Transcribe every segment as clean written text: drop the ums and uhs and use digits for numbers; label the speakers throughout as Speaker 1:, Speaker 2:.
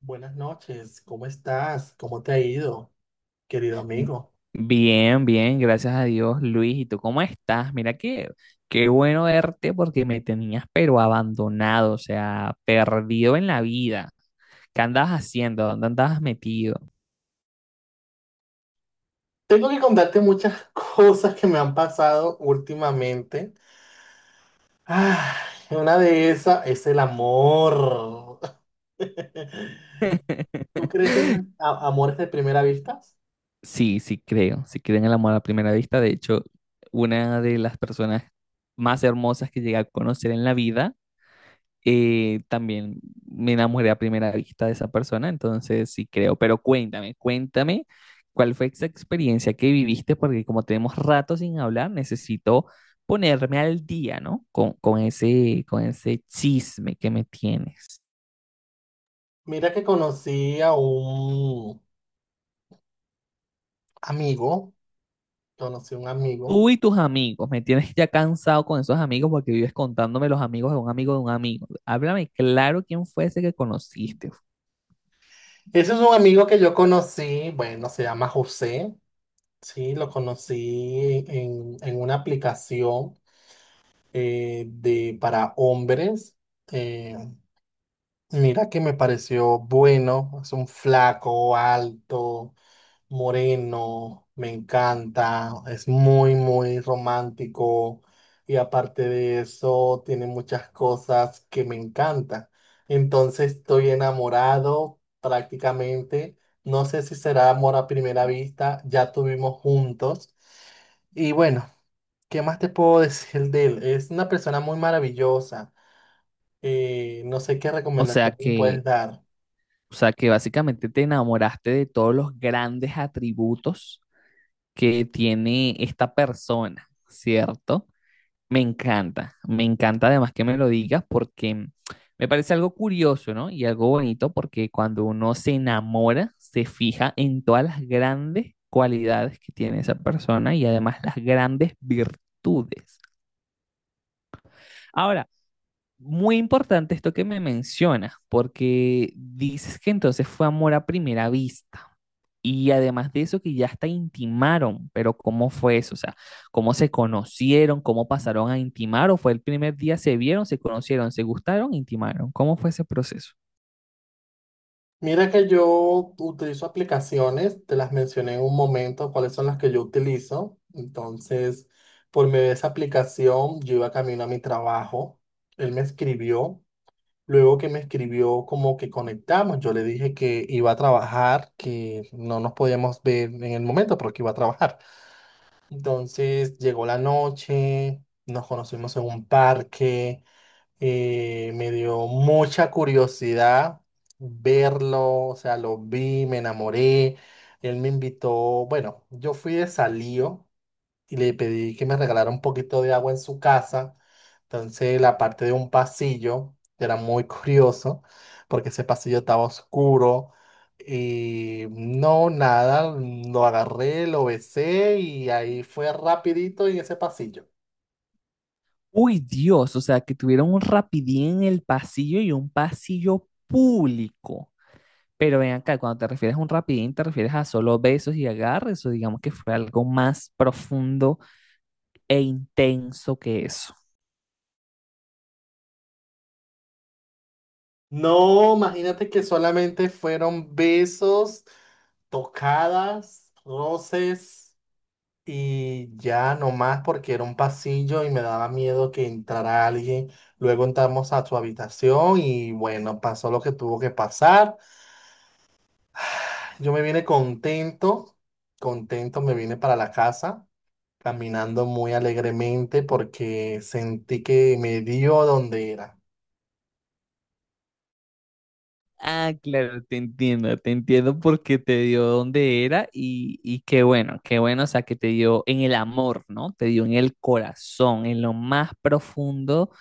Speaker 1: Buenas noches, ¿cómo estás? ¿Cómo te ha ido, querido amigo?
Speaker 2: Bien, bien, gracias a Dios, Luis. ¿Y tú cómo estás? Mira que qué bueno verte porque me tenías pero abandonado, o sea, perdido en la vida. ¿Qué andabas haciendo? ¿Dónde andabas metido?
Speaker 1: Tengo que contarte muchas cosas que me han pasado últimamente. Ah, una de esas es el amor. ¿Tú crees en los amores de primera vista?
Speaker 2: Sí, creo en el amor a primera vista. De hecho, una de las personas más hermosas que llegué a conocer en la vida, también me enamoré a primera vista de esa persona, entonces sí creo, pero cuéntame cuál fue esa experiencia que viviste, porque como tenemos rato sin hablar, necesito ponerme al día, ¿no? Con ese, con ese chisme que me tienes.
Speaker 1: Mira que conocí a un amigo, conocí a un amigo.
Speaker 2: Tú y tus amigos, me tienes ya cansado con esos amigos porque vives contándome los amigos de un amigo de un amigo. Háblame claro quién fue ese que conociste.
Speaker 1: Ese es un amigo que yo conocí, bueno, se llama José, sí, lo conocí en una aplicación de, para hombres. Eh, mira que me pareció bueno, es un flaco, alto, moreno, me encanta, es muy, muy romántico y aparte de eso tiene muchas cosas que me encantan. Entonces estoy enamorado prácticamente, no sé si será amor a primera vista, ya tuvimos juntos y bueno, ¿qué más te puedo decir de él? Es una persona muy maravillosa. No sé qué
Speaker 2: O sea
Speaker 1: recomendación me
Speaker 2: que,
Speaker 1: puedes dar.
Speaker 2: o sea que básicamente te enamoraste de todos los grandes atributos que tiene esta persona, ¿cierto? Me encanta además que me lo digas porque me parece algo curioso, ¿no? Y algo bonito porque cuando uno se enamora, se fija en todas las grandes cualidades que tiene esa persona y además las grandes virtudes. Ahora, muy importante esto que me mencionas, porque dices que entonces fue amor a primera vista. Y además de eso, que ya hasta intimaron, pero ¿cómo fue eso? O sea, ¿cómo se conocieron? ¿Cómo pasaron a intimar? ¿O fue el primer día, se vieron, se conocieron, se gustaron, intimaron? ¿Cómo fue ese proceso?
Speaker 1: Mira que yo utilizo aplicaciones, te las mencioné en un momento, cuáles son las que yo utilizo. Entonces, por medio de esa aplicación, yo iba camino a mi trabajo. Él me escribió. Luego que me escribió, como que conectamos. Yo le dije que iba a trabajar, que no nos podíamos ver en el momento, pero que iba a trabajar. Entonces, llegó la noche, nos conocimos en un parque. Me dio mucha curiosidad verlo, o sea, lo vi, me enamoré. Él me invitó, bueno, yo fui de Salío y le pedí que me regalara un poquito de agua en su casa. Entonces, la parte de un pasillo era muy curioso porque ese pasillo estaba oscuro y no, nada, lo agarré, lo besé y ahí fue rapidito en ese pasillo.
Speaker 2: Uy, Dios, o sea, que tuvieron un rapidín en el pasillo y un pasillo público. Pero ven acá, cuando te refieres a un rapidín, te refieres a solo besos y agarres, o digamos que fue algo más profundo e intenso que eso.
Speaker 1: No, imagínate que solamente fueron besos, tocadas, roces y ya nomás porque era un pasillo y me daba miedo que entrara alguien. Luego entramos a su habitación y bueno, pasó lo que tuvo que pasar. Yo me vine contento, contento me vine para la casa, caminando muy alegremente porque sentí que me dio donde era.
Speaker 2: Ah, claro, te entiendo porque te dio donde era y qué bueno, o sea, que te dio en el amor, ¿no? Te dio en el corazón, en lo más profundo,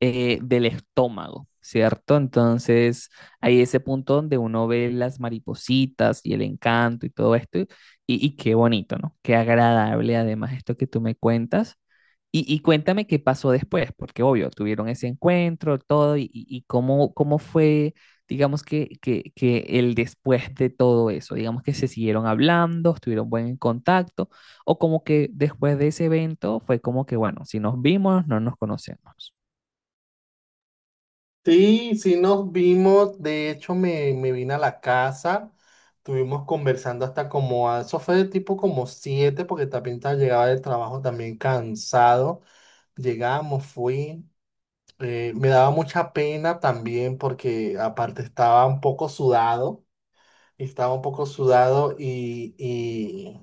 Speaker 2: del estómago, ¿cierto? Entonces, hay ese punto donde uno ve las maripositas y el encanto y todo esto, y qué bonito, ¿no? Qué agradable además esto que tú me cuentas. Y cuéntame qué pasó después, porque obvio, tuvieron ese encuentro, todo, y, y cómo, cómo fue, digamos que el después de todo eso, digamos que se siguieron hablando, estuvieron buen en contacto, o como que después de ese evento fue como que, bueno, si nos vimos, no nos conocemos.
Speaker 1: Sí, sí nos vimos, de hecho me vine a la casa, estuvimos conversando hasta como, eso fue de tipo como siete, porque también llegaba del trabajo también cansado, llegamos, fui, me daba mucha pena también porque aparte estaba un poco sudado, estaba un poco sudado y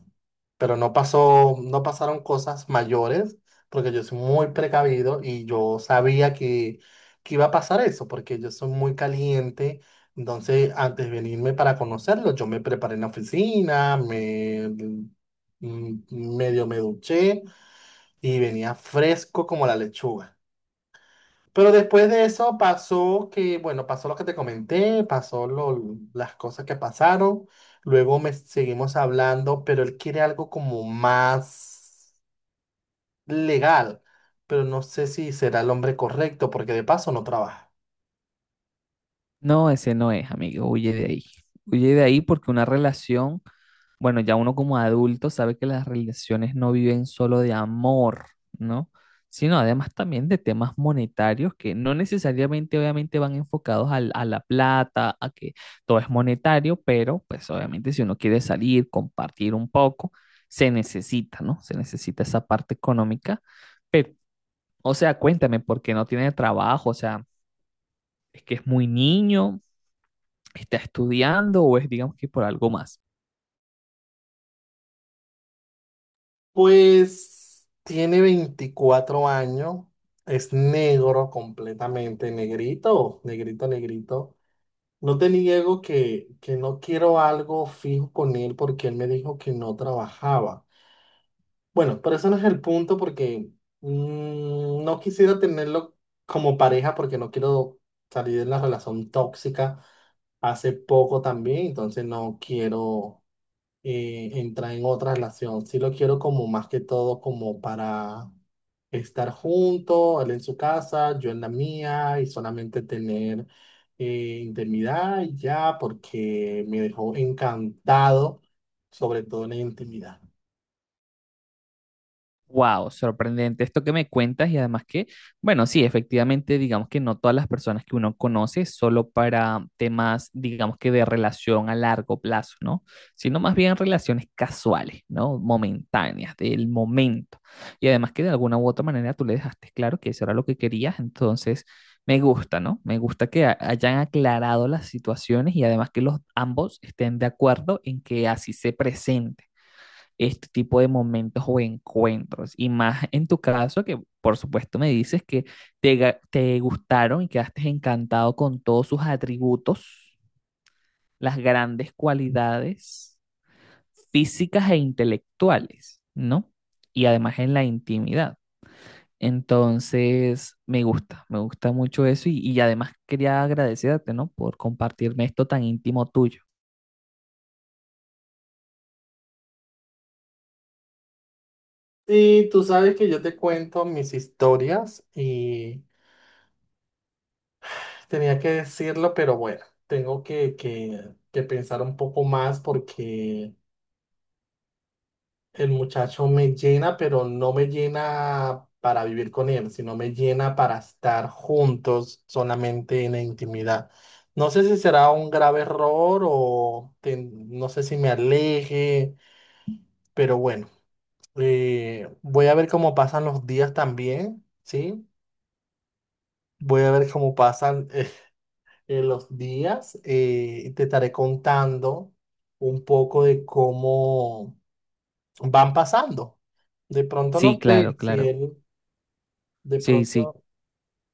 Speaker 1: pero no pasaron cosas mayores, porque yo soy muy precavido y yo sabía que iba a pasar eso, porque yo soy muy caliente. Entonces, antes de venirme para conocerlo, yo me preparé en la oficina, mm, medio me duché y venía fresco como la lechuga. Pero después de eso pasó que, bueno, pasó lo que te comenté, pasó las cosas que pasaron. Luego me seguimos hablando, pero él quiere algo como más legal. Pero no sé si será el hombre correcto, porque de paso no trabaja.
Speaker 2: No, ese no es, amigo, huye de ahí. Huye de ahí porque una relación. Bueno, ya uno como adulto sabe que las relaciones no viven solo de amor, ¿no? Sino además también de temas monetarios que no necesariamente obviamente van enfocados a la plata, a que todo es monetario, pero pues obviamente si uno quiere salir, compartir un poco, se necesita, ¿no? Se necesita esa parte económica. Pero, o sea, cuéntame, ¿por qué no tiene trabajo? O sea, ¿es que es muy niño, está estudiando o es digamos que por algo más?
Speaker 1: Pues tiene 24 años, es negro completamente, negrito, negrito, negrito. No te niego que no quiero algo fijo con él porque él me dijo que no trabajaba. Bueno, pero eso no es el punto porque no quisiera tenerlo como pareja porque no quiero salir de la relación tóxica hace poco también, entonces no quiero entrar en otra relación. Sí lo quiero como más que todo como para estar juntos, él en su casa, yo en la mía y solamente tener intimidad y ya porque me dejó encantado, sobre todo en la intimidad.
Speaker 2: Wow, sorprendente esto que me cuentas y además que, bueno, sí, efectivamente, digamos que no todas las personas que uno conoce solo para temas, digamos que de relación a largo plazo, ¿no? Sino más bien relaciones casuales, ¿no? Momentáneas, del momento. Y además que de alguna u otra manera tú le dejaste claro que eso era lo que querías, entonces me gusta, ¿no? Me gusta que hayan aclarado las situaciones y además que los ambos estén de acuerdo en que así se presente este tipo de momentos o encuentros. Y más en tu caso, que por supuesto me dices que te gustaron y quedaste encantado con todos sus atributos, las grandes cualidades físicas e intelectuales, ¿no? Y además en la intimidad. Entonces, me gusta mucho eso y además quería agradecerte, ¿no? Por compartirme esto tan íntimo tuyo.
Speaker 1: Sí, tú sabes que yo te cuento mis historias y tenía que decirlo, pero bueno, tengo que pensar un poco más porque el muchacho me llena, pero no me llena para vivir con él, sino me llena para estar juntos solamente en la intimidad. No sé si será un grave error o no sé si me aleje, pero bueno, voy a ver cómo pasan los días también, ¿sí? Voy a ver cómo pasan en los días. Eh, te estaré contando un poco de cómo van pasando. De pronto
Speaker 2: Sí,
Speaker 1: no
Speaker 2: claro,
Speaker 1: sé si
Speaker 2: claro.
Speaker 1: él, de
Speaker 2: Sí, sí,
Speaker 1: pronto,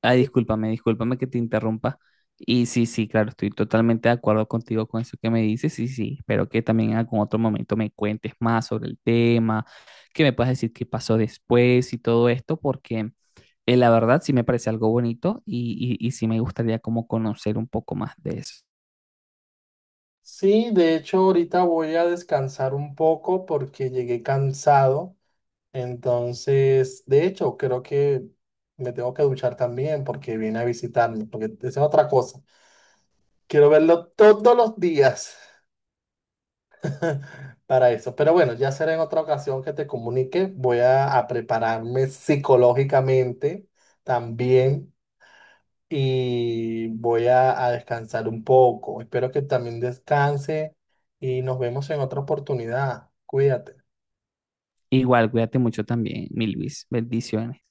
Speaker 2: ay, discúlpame, discúlpame que te interrumpa. Y sí, sí, claro, estoy totalmente de acuerdo contigo con eso que me dices. Y sí, espero que también en algún otro momento me cuentes más sobre el tema, que me puedas decir qué pasó después y todo esto, porque la verdad sí me parece algo bonito y sí me gustaría como conocer un poco más de eso.
Speaker 1: sí, de hecho ahorita voy a descansar un poco porque llegué cansado. Entonces, de hecho, creo que me tengo que duchar también porque viene a visitarme, porque esa es otra cosa. Quiero verlo todos los días. Para eso. Pero bueno, ya será en otra ocasión que te comunique. A prepararme psicológicamente también y a descansar un poco. Espero que también descanse y nos vemos en otra oportunidad. Cuídate.
Speaker 2: Igual, cuídate mucho también, mi Luis. Bendiciones.